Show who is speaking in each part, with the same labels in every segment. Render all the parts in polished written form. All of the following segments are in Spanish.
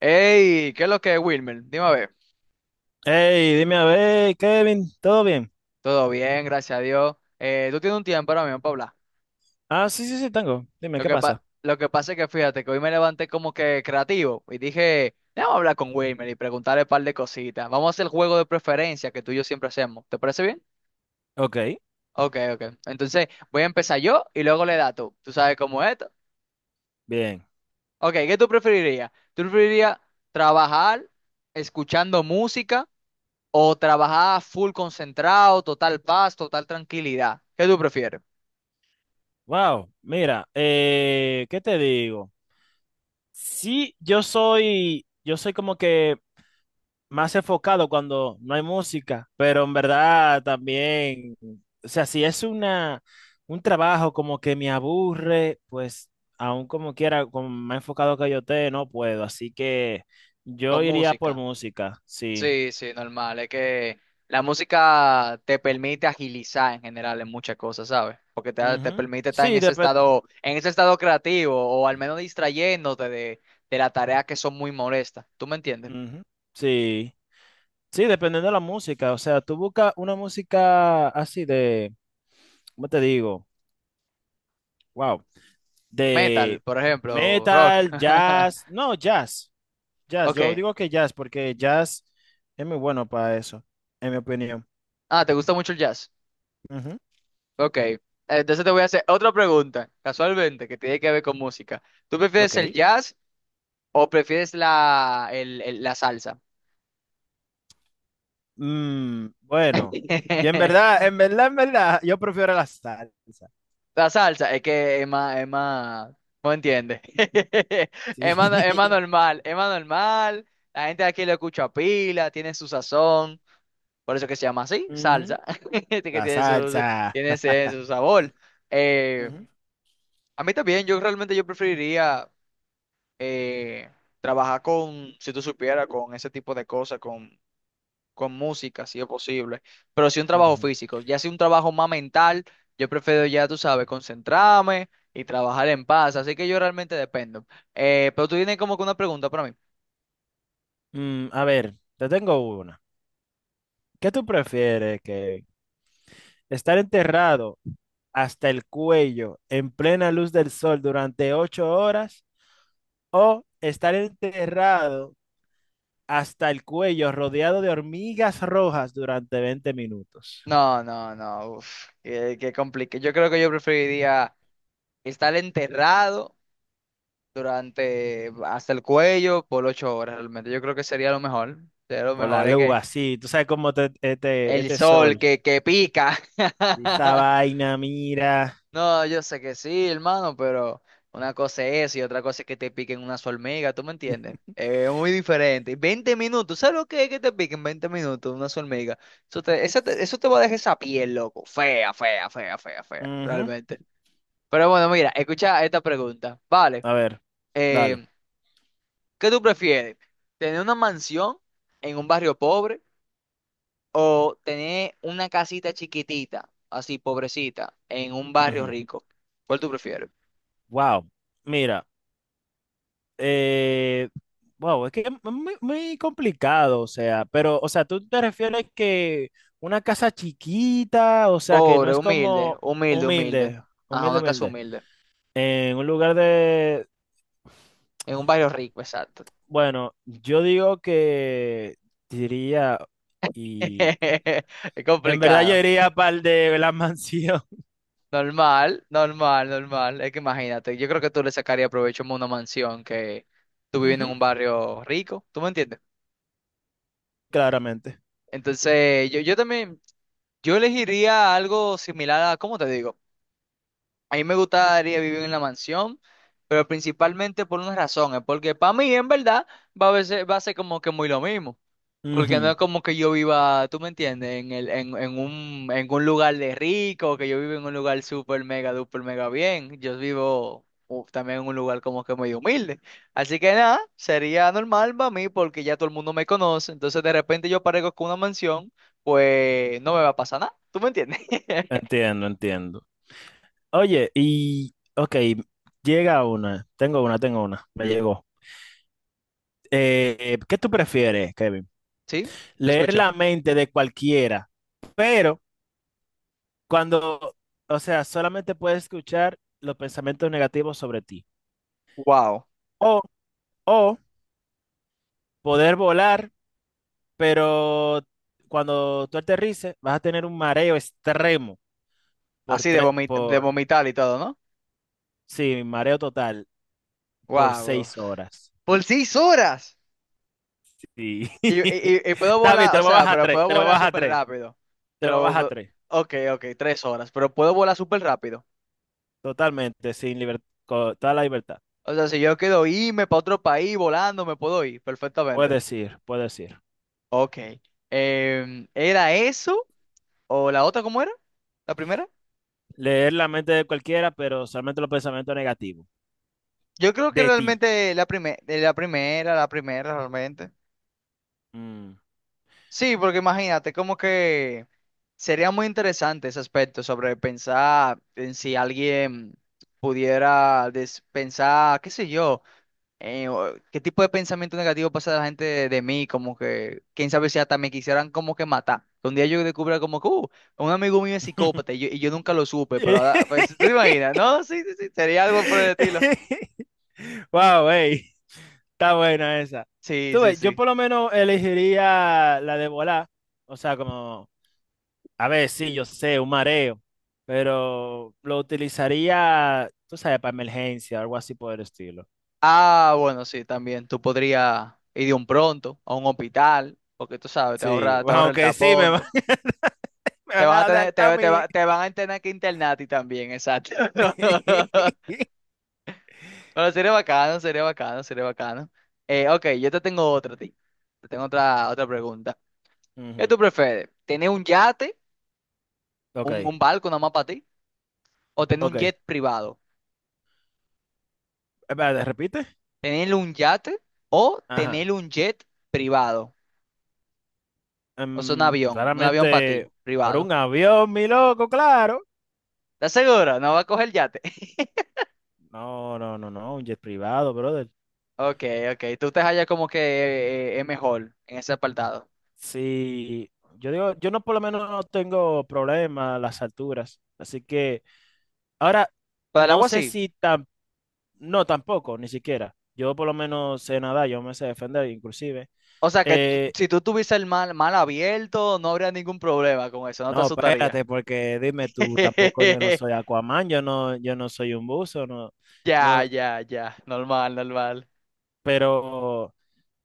Speaker 1: Hey, ¿qué es lo que es Wilmer? Dime a ver.
Speaker 2: Hey, dime a ver, Kevin, ¿todo bien?
Speaker 1: Todo bien, gracias a Dios. Tú tienes un tiempo ahora mismo para hablar.
Speaker 2: Ah, sí, sí, sí, tengo. Dime, ¿qué pasa?
Speaker 1: Lo que pasa es que fíjate que hoy me levanté como que creativo y dije, vamos a hablar con Wilmer y preguntarle un par de cositas. Vamos a hacer el juego de preferencia que tú y yo siempre hacemos. ¿Te parece bien?
Speaker 2: Ok,
Speaker 1: Ok, ok. Entonces voy a empezar yo y luego le das tú. ¿Tú sabes cómo es esto?
Speaker 2: bien.
Speaker 1: Ok, ¿qué tú preferirías? ¿Tú preferirías trabajar escuchando música o trabajar full concentrado, total paz, total tranquilidad? ¿Qué tú prefieres?
Speaker 2: Wow, mira, ¿qué te digo? Sí, yo soy como que más enfocado cuando no hay música, pero en verdad también, o sea, si es un trabajo como que me aburre, pues aún como quiera, como más enfocado que yo te, no puedo, así que yo
Speaker 1: Con
Speaker 2: iría por
Speaker 1: música.
Speaker 2: música, sí.
Speaker 1: Sí, sí, normal. Es que la música te permite agilizar en general en muchas cosas, ¿sabes? Te
Speaker 2: Ujú.
Speaker 1: permite estar
Speaker 2: Sí, depe-
Speaker 1: en ese estado creativo, o al menos distrayéndote de las tareas que son muy molestas. ¿Tú me entiendes?
Speaker 2: Ujú. Sí, sí, dependiendo de la música. O sea, tú buscas una música así de, ¿cómo te digo? Wow,
Speaker 1: Metal,
Speaker 2: de
Speaker 1: por ejemplo, rock.
Speaker 2: metal, jazz. No, jazz, jazz. Yo
Speaker 1: Ok.
Speaker 2: digo que jazz porque jazz es muy bueno para eso, en mi opinión.
Speaker 1: Ah, ¿te gusta mucho el jazz?
Speaker 2: Ujú.
Speaker 1: Ok. Entonces te voy a hacer otra pregunta, casualmente, que tiene que ver con música. ¿Tú prefieres el
Speaker 2: Ok.
Speaker 1: jazz o prefieres la salsa?
Speaker 2: Mm, bueno, y en verdad, en verdad, en verdad, yo prefiero la salsa.
Speaker 1: La salsa, es que es más, no entiende.
Speaker 2: Sí.
Speaker 1: Es más, no- Es más normal, es más normal. La gente de aquí lo escucha pila, tiene su sazón. Por eso que se llama así,
Speaker 2: Ujú.
Speaker 1: salsa. Que
Speaker 2: La
Speaker 1: tiene su,
Speaker 2: salsa.
Speaker 1: tiene ese, su sabor. Eh,
Speaker 2: Ujú,
Speaker 1: a mí también, yo realmente yo preferiría eh, trabajar con, si tú supieras, con ese tipo de cosas, con música, si es posible, pero sí un trabajo
Speaker 2: ujú.
Speaker 1: físico, ya si un trabajo más mental, yo prefiero ya, tú sabes, concentrarme y trabajar en paz, así que yo realmente dependo. Pero tú tienes como que una pregunta para mí.
Speaker 2: Mm, a ver, te tengo una. ¿Qué tú prefieres, que estar enterrado hasta el cuello en plena luz del sol durante 8 horas o estar enterrado hasta el cuello rodeado de hormigas rojas durante 20 minutos?
Speaker 1: No, no, no, uf, qué, qué complique. Yo creo que yo preferiría estar enterrado durante hasta el cuello por 8 horas, realmente. Yo creo que sería lo
Speaker 2: Con
Speaker 1: mejor,
Speaker 2: la
Speaker 1: es
Speaker 2: luz
Speaker 1: que
Speaker 2: así, tú sabes cómo este,
Speaker 1: el
Speaker 2: este
Speaker 1: sol
Speaker 2: sol,
Speaker 1: que pica.
Speaker 2: esa vaina, mira.
Speaker 1: No, yo sé que sí, hermano, pero una cosa es eso y otra cosa es que te piquen una hormiga, ¿tú me entiendes? Es muy diferente. 20 minutos, ¿sabes lo que es que te piquen 20 minutos una hormiga? Eso te va a dejar esa piel, loco. Fea, fea, fea, fea, fea,
Speaker 2: Ujú.
Speaker 1: realmente. Pero bueno, mira, escucha esta pregunta. Vale,
Speaker 2: A ver,
Speaker 1: eh,
Speaker 2: dale.
Speaker 1: ¿qué tú prefieres? ¿Tener una mansión en un barrio pobre o tener una casita chiquitita, así pobrecita, en un barrio
Speaker 2: Ujú.
Speaker 1: rico? ¿Cuál tú prefieres?
Speaker 2: Wow, mira. Eh, wow, es que es muy, muy complicado, o sea, pero, o sea, tú te refieres que una casa chiquita, o sea, que no
Speaker 1: Pobre,
Speaker 2: es
Speaker 1: humilde,
Speaker 2: como
Speaker 1: humilde, humilde.
Speaker 2: humilde,
Speaker 1: Ajá,
Speaker 2: humilde,
Speaker 1: una casa
Speaker 2: humilde,
Speaker 1: humilde.
Speaker 2: en un lugar de,
Speaker 1: En un barrio rico, exacto.
Speaker 2: bueno, yo digo que diría, y
Speaker 1: Es
Speaker 2: en verdad yo
Speaker 1: complicado.
Speaker 2: iría para el de la mansión.
Speaker 1: Normal, normal, normal. Es que imagínate, yo creo que tú le sacarías provecho a una mansión que tú viviendo en
Speaker 2: Ujú,
Speaker 1: un barrio rico, ¿tú me entiendes?
Speaker 2: claramente.
Speaker 1: Entonces, yo también, yo elegiría algo similar a, ¿cómo te digo? A mí me gustaría vivir en la mansión, pero principalmente por una razón, es porque para mí en verdad va a ser como que muy lo mismo. Porque no
Speaker 2: Ujú.
Speaker 1: es como que yo viva, tú me entiendes, en el, en un lugar de rico, que yo vivo en un lugar súper mega, duper mega bien. Yo vivo también en un lugar como que medio humilde. Así que nada, sería normal para mí porque ya todo el mundo me conoce. Entonces de repente yo aparezco con una mansión, pues no me va a pasar nada. ¿Tú me entiendes?
Speaker 2: Entiendo, entiendo. Oye, y, ok, llega una, tengo una, me llegó. ¿Qué tú prefieres, Kevin?
Speaker 1: Sí, te
Speaker 2: Leer
Speaker 1: escucho.
Speaker 2: la mente de cualquiera, pero cuando, o sea, solamente puedes escuchar los pensamientos negativos sobre ti.
Speaker 1: Wow.
Speaker 2: O, o poder volar, pero cuando tú aterrices vas a tener un mareo extremo por
Speaker 1: Así
Speaker 2: tres,
Speaker 1: de
Speaker 2: por,
Speaker 1: vomitar y todo, ¿no?
Speaker 2: sí, mareo total por
Speaker 1: Wow.
Speaker 2: 6 horas.
Speaker 1: Por 6 horas.
Speaker 2: Sí.
Speaker 1: Y, y- y puedo
Speaker 2: Está bien, te
Speaker 1: volar, o
Speaker 2: lo voy a
Speaker 1: sea,
Speaker 2: bajar a
Speaker 1: pero
Speaker 2: tres,
Speaker 1: puedo
Speaker 2: te lo voy
Speaker 1: volar
Speaker 2: a bajar a
Speaker 1: súper
Speaker 2: tres,
Speaker 1: rápido.
Speaker 2: te lo voy a bajar a
Speaker 1: Pero,
Speaker 2: tres.
Speaker 1: ok, ok, 3 horas, pero puedo volar súper rápido.
Speaker 2: Totalmente, sin libertad, toda la libertad.
Speaker 1: O sea, si yo quiero irme para otro país volando, me puedo ir perfectamente.
Speaker 2: Puedes ir, puedes ir.
Speaker 1: Ok. Em, ¿era eso? ¿O la otra cómo era? ¿La primera?
Speaker 2: Leer la mente de cualquiera, pero solamente los pensamientos negativos.
Speaker 1: Yo creo que
Speaker 2: De ti.
Speaker 1: realmente la primera, la primera, la primera realmente.
Speaker 2: Mm.
Speaker 1: Sí, porque imagínate, como que sería muy interesante ese aspecto sobre pensar en si alguien pensar, qué sé yo. ¿Qué tipo de pensamiento negativo pasa de la gente de mí? Como que, quién sabe si hasta me quisieran como que matar. Un día yo descubra como que, un amigo mío es psicópata y yo nunca lo supe, pero ahora, pues, ¿tú te imaginas? No, sí, sí, sí, sería algo por el estilo.
Speaker 2: Wow, ey, está buena esa.
Speaker 1: Sí,
Speaker 2: Tú
Speaker 1: sí,
Speaker 2: ves, yo
Speaker 1: sí.
Speaker 2: por lo menos elegiría la de volar. O sea, como, a ver, sí, yo sé, un mareo, pero lo utilizaría, tú sabes, para emergencia, algo así por el estilo.
Speaker 1: Ah, bueno, sí, también. Tú podrías ir de un pronto a un hospital, porque tú sabes,
Speaker 2: Sí,
Speaker 1: te
Speaker 2: bueno,
Speaker 1: ahorra el
Speaker 2: aunque sí, me
Speaker 1: tapón.
Speaker 2: van, me van a adelantar a mí.
Speaker 1: Te van a tener que internar a ti también, exacto. Bueno, sería bacano, sería bacano, sería bacano. Ok, yo te tengo otra, a ti. Te tengo otra, otra pregunta. ¿Qué
Speaker 2: Ujú,
Speaker 1: tú prefieres? ¿Tener un yate,
Speaker 2: ok,
Speaker 1: un barco nada más para ti? ¿O tener un
Speaker 2: ok.
Speaker 1: jet privado?
Speaker 2: Espérate, repite.
Speaker 1: ¿Tener un yate o
Speaker 2: Ajá.
Speaker 1: tener un jet privado? O sea, un avión
Speaker 2: Claramente,
Speaker 1: para ti,
Speaker 2: pero
Speaker 1: privado.
Speaker 2: un avión, mi loco, claro.
Speaker 1: ¿Estás seguro? No va a coger yate.
Speaker 2: No, no, no, no, un jet privado, brother.
Speaker 1: Ok, ok, tú te hallas como que es mejor en ese apartado.
Speaker 2: Sí, yo digo, yo no por lo menos no tengo problema a las alturas. Así que, ahora,
Speaker 1: Pero el
Speaker 2: no
Speaker 1: agua
Speaker 2: sé
Speaker 1: sí.
Speaker 2: si tan, no, tampoco, ni siquiera. Yo por lo menos sé nadar, yo me sé defender, inclusive.
Speaker 1: O sea,
Speaker 2: Eh,
Speaker 1: si tú tuvieses el mal, mal abierto, no habría ningún problema con eso, no te
Speaker 2: no,
Speaker 1: asustaría.
Speaker 2: espérate, porque dime tú, tampoco yo no soy Aquaman, yo no soy un buzo, no,
Speaker 1: Ya,
Speaker 2: no,
Speaker 1: ya, ya. Normal, normal.
Speaker 2: pero.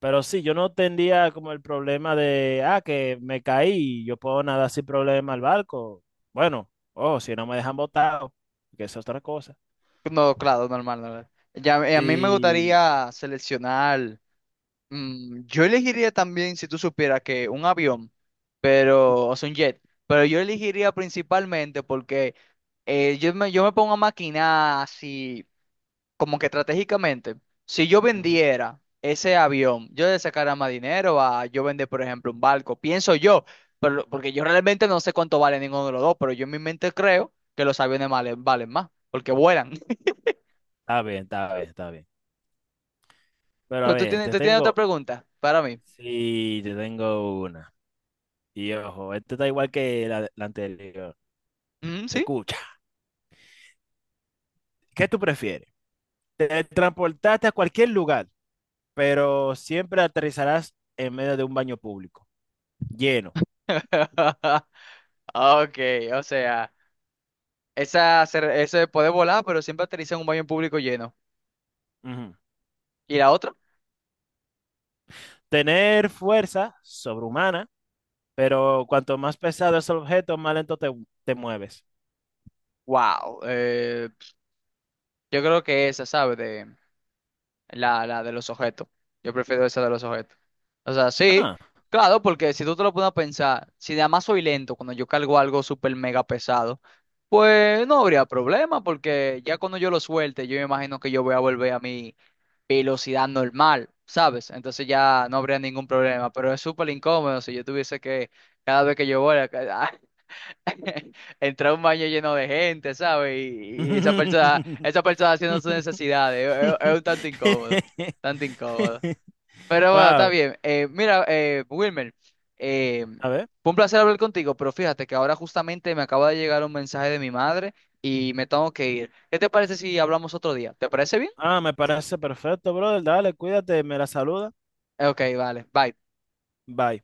Speaker 2: Pero sí, yo no tendría como el problema de, ah, que me caí, yo puedo nadar sin problema al barco. Bueno, oh, si no me dejan botado, que es otra cosa.
Speaker 1: No, claro, normal, normal. Ya, a mí me
Speaker 2: Y
Speaker 1: gustaría seleccionar. Mm, yo elegiría también, si tú supieras, que un avión, pero, o sea, un jet. Pero yo elegiría principalmente porque yo me pongo a maquinar así, como que estratégicamente, si yo
Speaker 2: ujú,
Speaker 1: vendiera ese avión, yo le sacara más dinero a yo vender, por ejemplo, un barco, pienso yo, pero, porque yo realmente no sé cuánto vale ninguno de los dos, pero yo en mi mente creo que los aviones valen, valen más, porque vuelan.
Speaker 2: está bien, está bien, está bien. Pero a
Speaker 1: Pues
Speaker 2: ver, te
Speaker 1: tú tienes otra
Speaker 2: tengo,
Speaker 1: pregunta para mí.
Speaker 2: sí, te tengo una. Y ojo, este está igual que la anterior.
Speaker 1: Mm, ¿sí?
Speaker 2: Escucha, ¿qué tú prefieres? Te transportaste a cualquier lugar, pero siempre aterrizarás en medio de un baño público, lleno.
Speaker 1: Ok, o sea, ese puede volar, pero siempre aterriza en un baño público lleno.
Speaker 2: Ujú.
Speaker 1: ¿Y la otra?
Speaker 2: Tener fuerza sobrehumana, pero cuanto más pesado es el objeto, más lento te mueves.
Speaker 1: Wow, yo creo que esa, ¿sabes? La de los objetos. Yo prefiero esa de los objetos. O sea, sí,
Speaker 2: Ah.
Speaker 1: claro, porque si tú te lo pones a pensar, si además soy lento cuando yo cargo algo súper mega pesado, pues no habría problema, porque ya cuando yo lo suelte, yo me imagino que yo voy a volver a mi velocidad normal, ¿sabes? Entonces ya no habría ningún problema, pero es súper incómodo si yo tuviese que, cada vez que yo voy, entrar a un baño lleno de gente, ¿sabes? Y esa persona haciendo sus necesidades, es un tanto incómodo, tanto incómodo. Pero bueno, está
Speaker 2: Wow.
Speaker 1: bien. Mira, Wilmer, eh,
Speaker 2: A ver.
Speaker 1: fue un placer hablar contigo, pero fíjate que ahora justamente me acaba de llegar un mensaje de mi madre y me tengo que ir. ¿Qué te parece si hablamos otro día? ¿Te parece bien?
Speaker 2: Ah, me parece perfecto, brother. Dale, cuídate, me la saluda.
Speaker 1: Ok, vale, bye.
Speaker 2: Bye.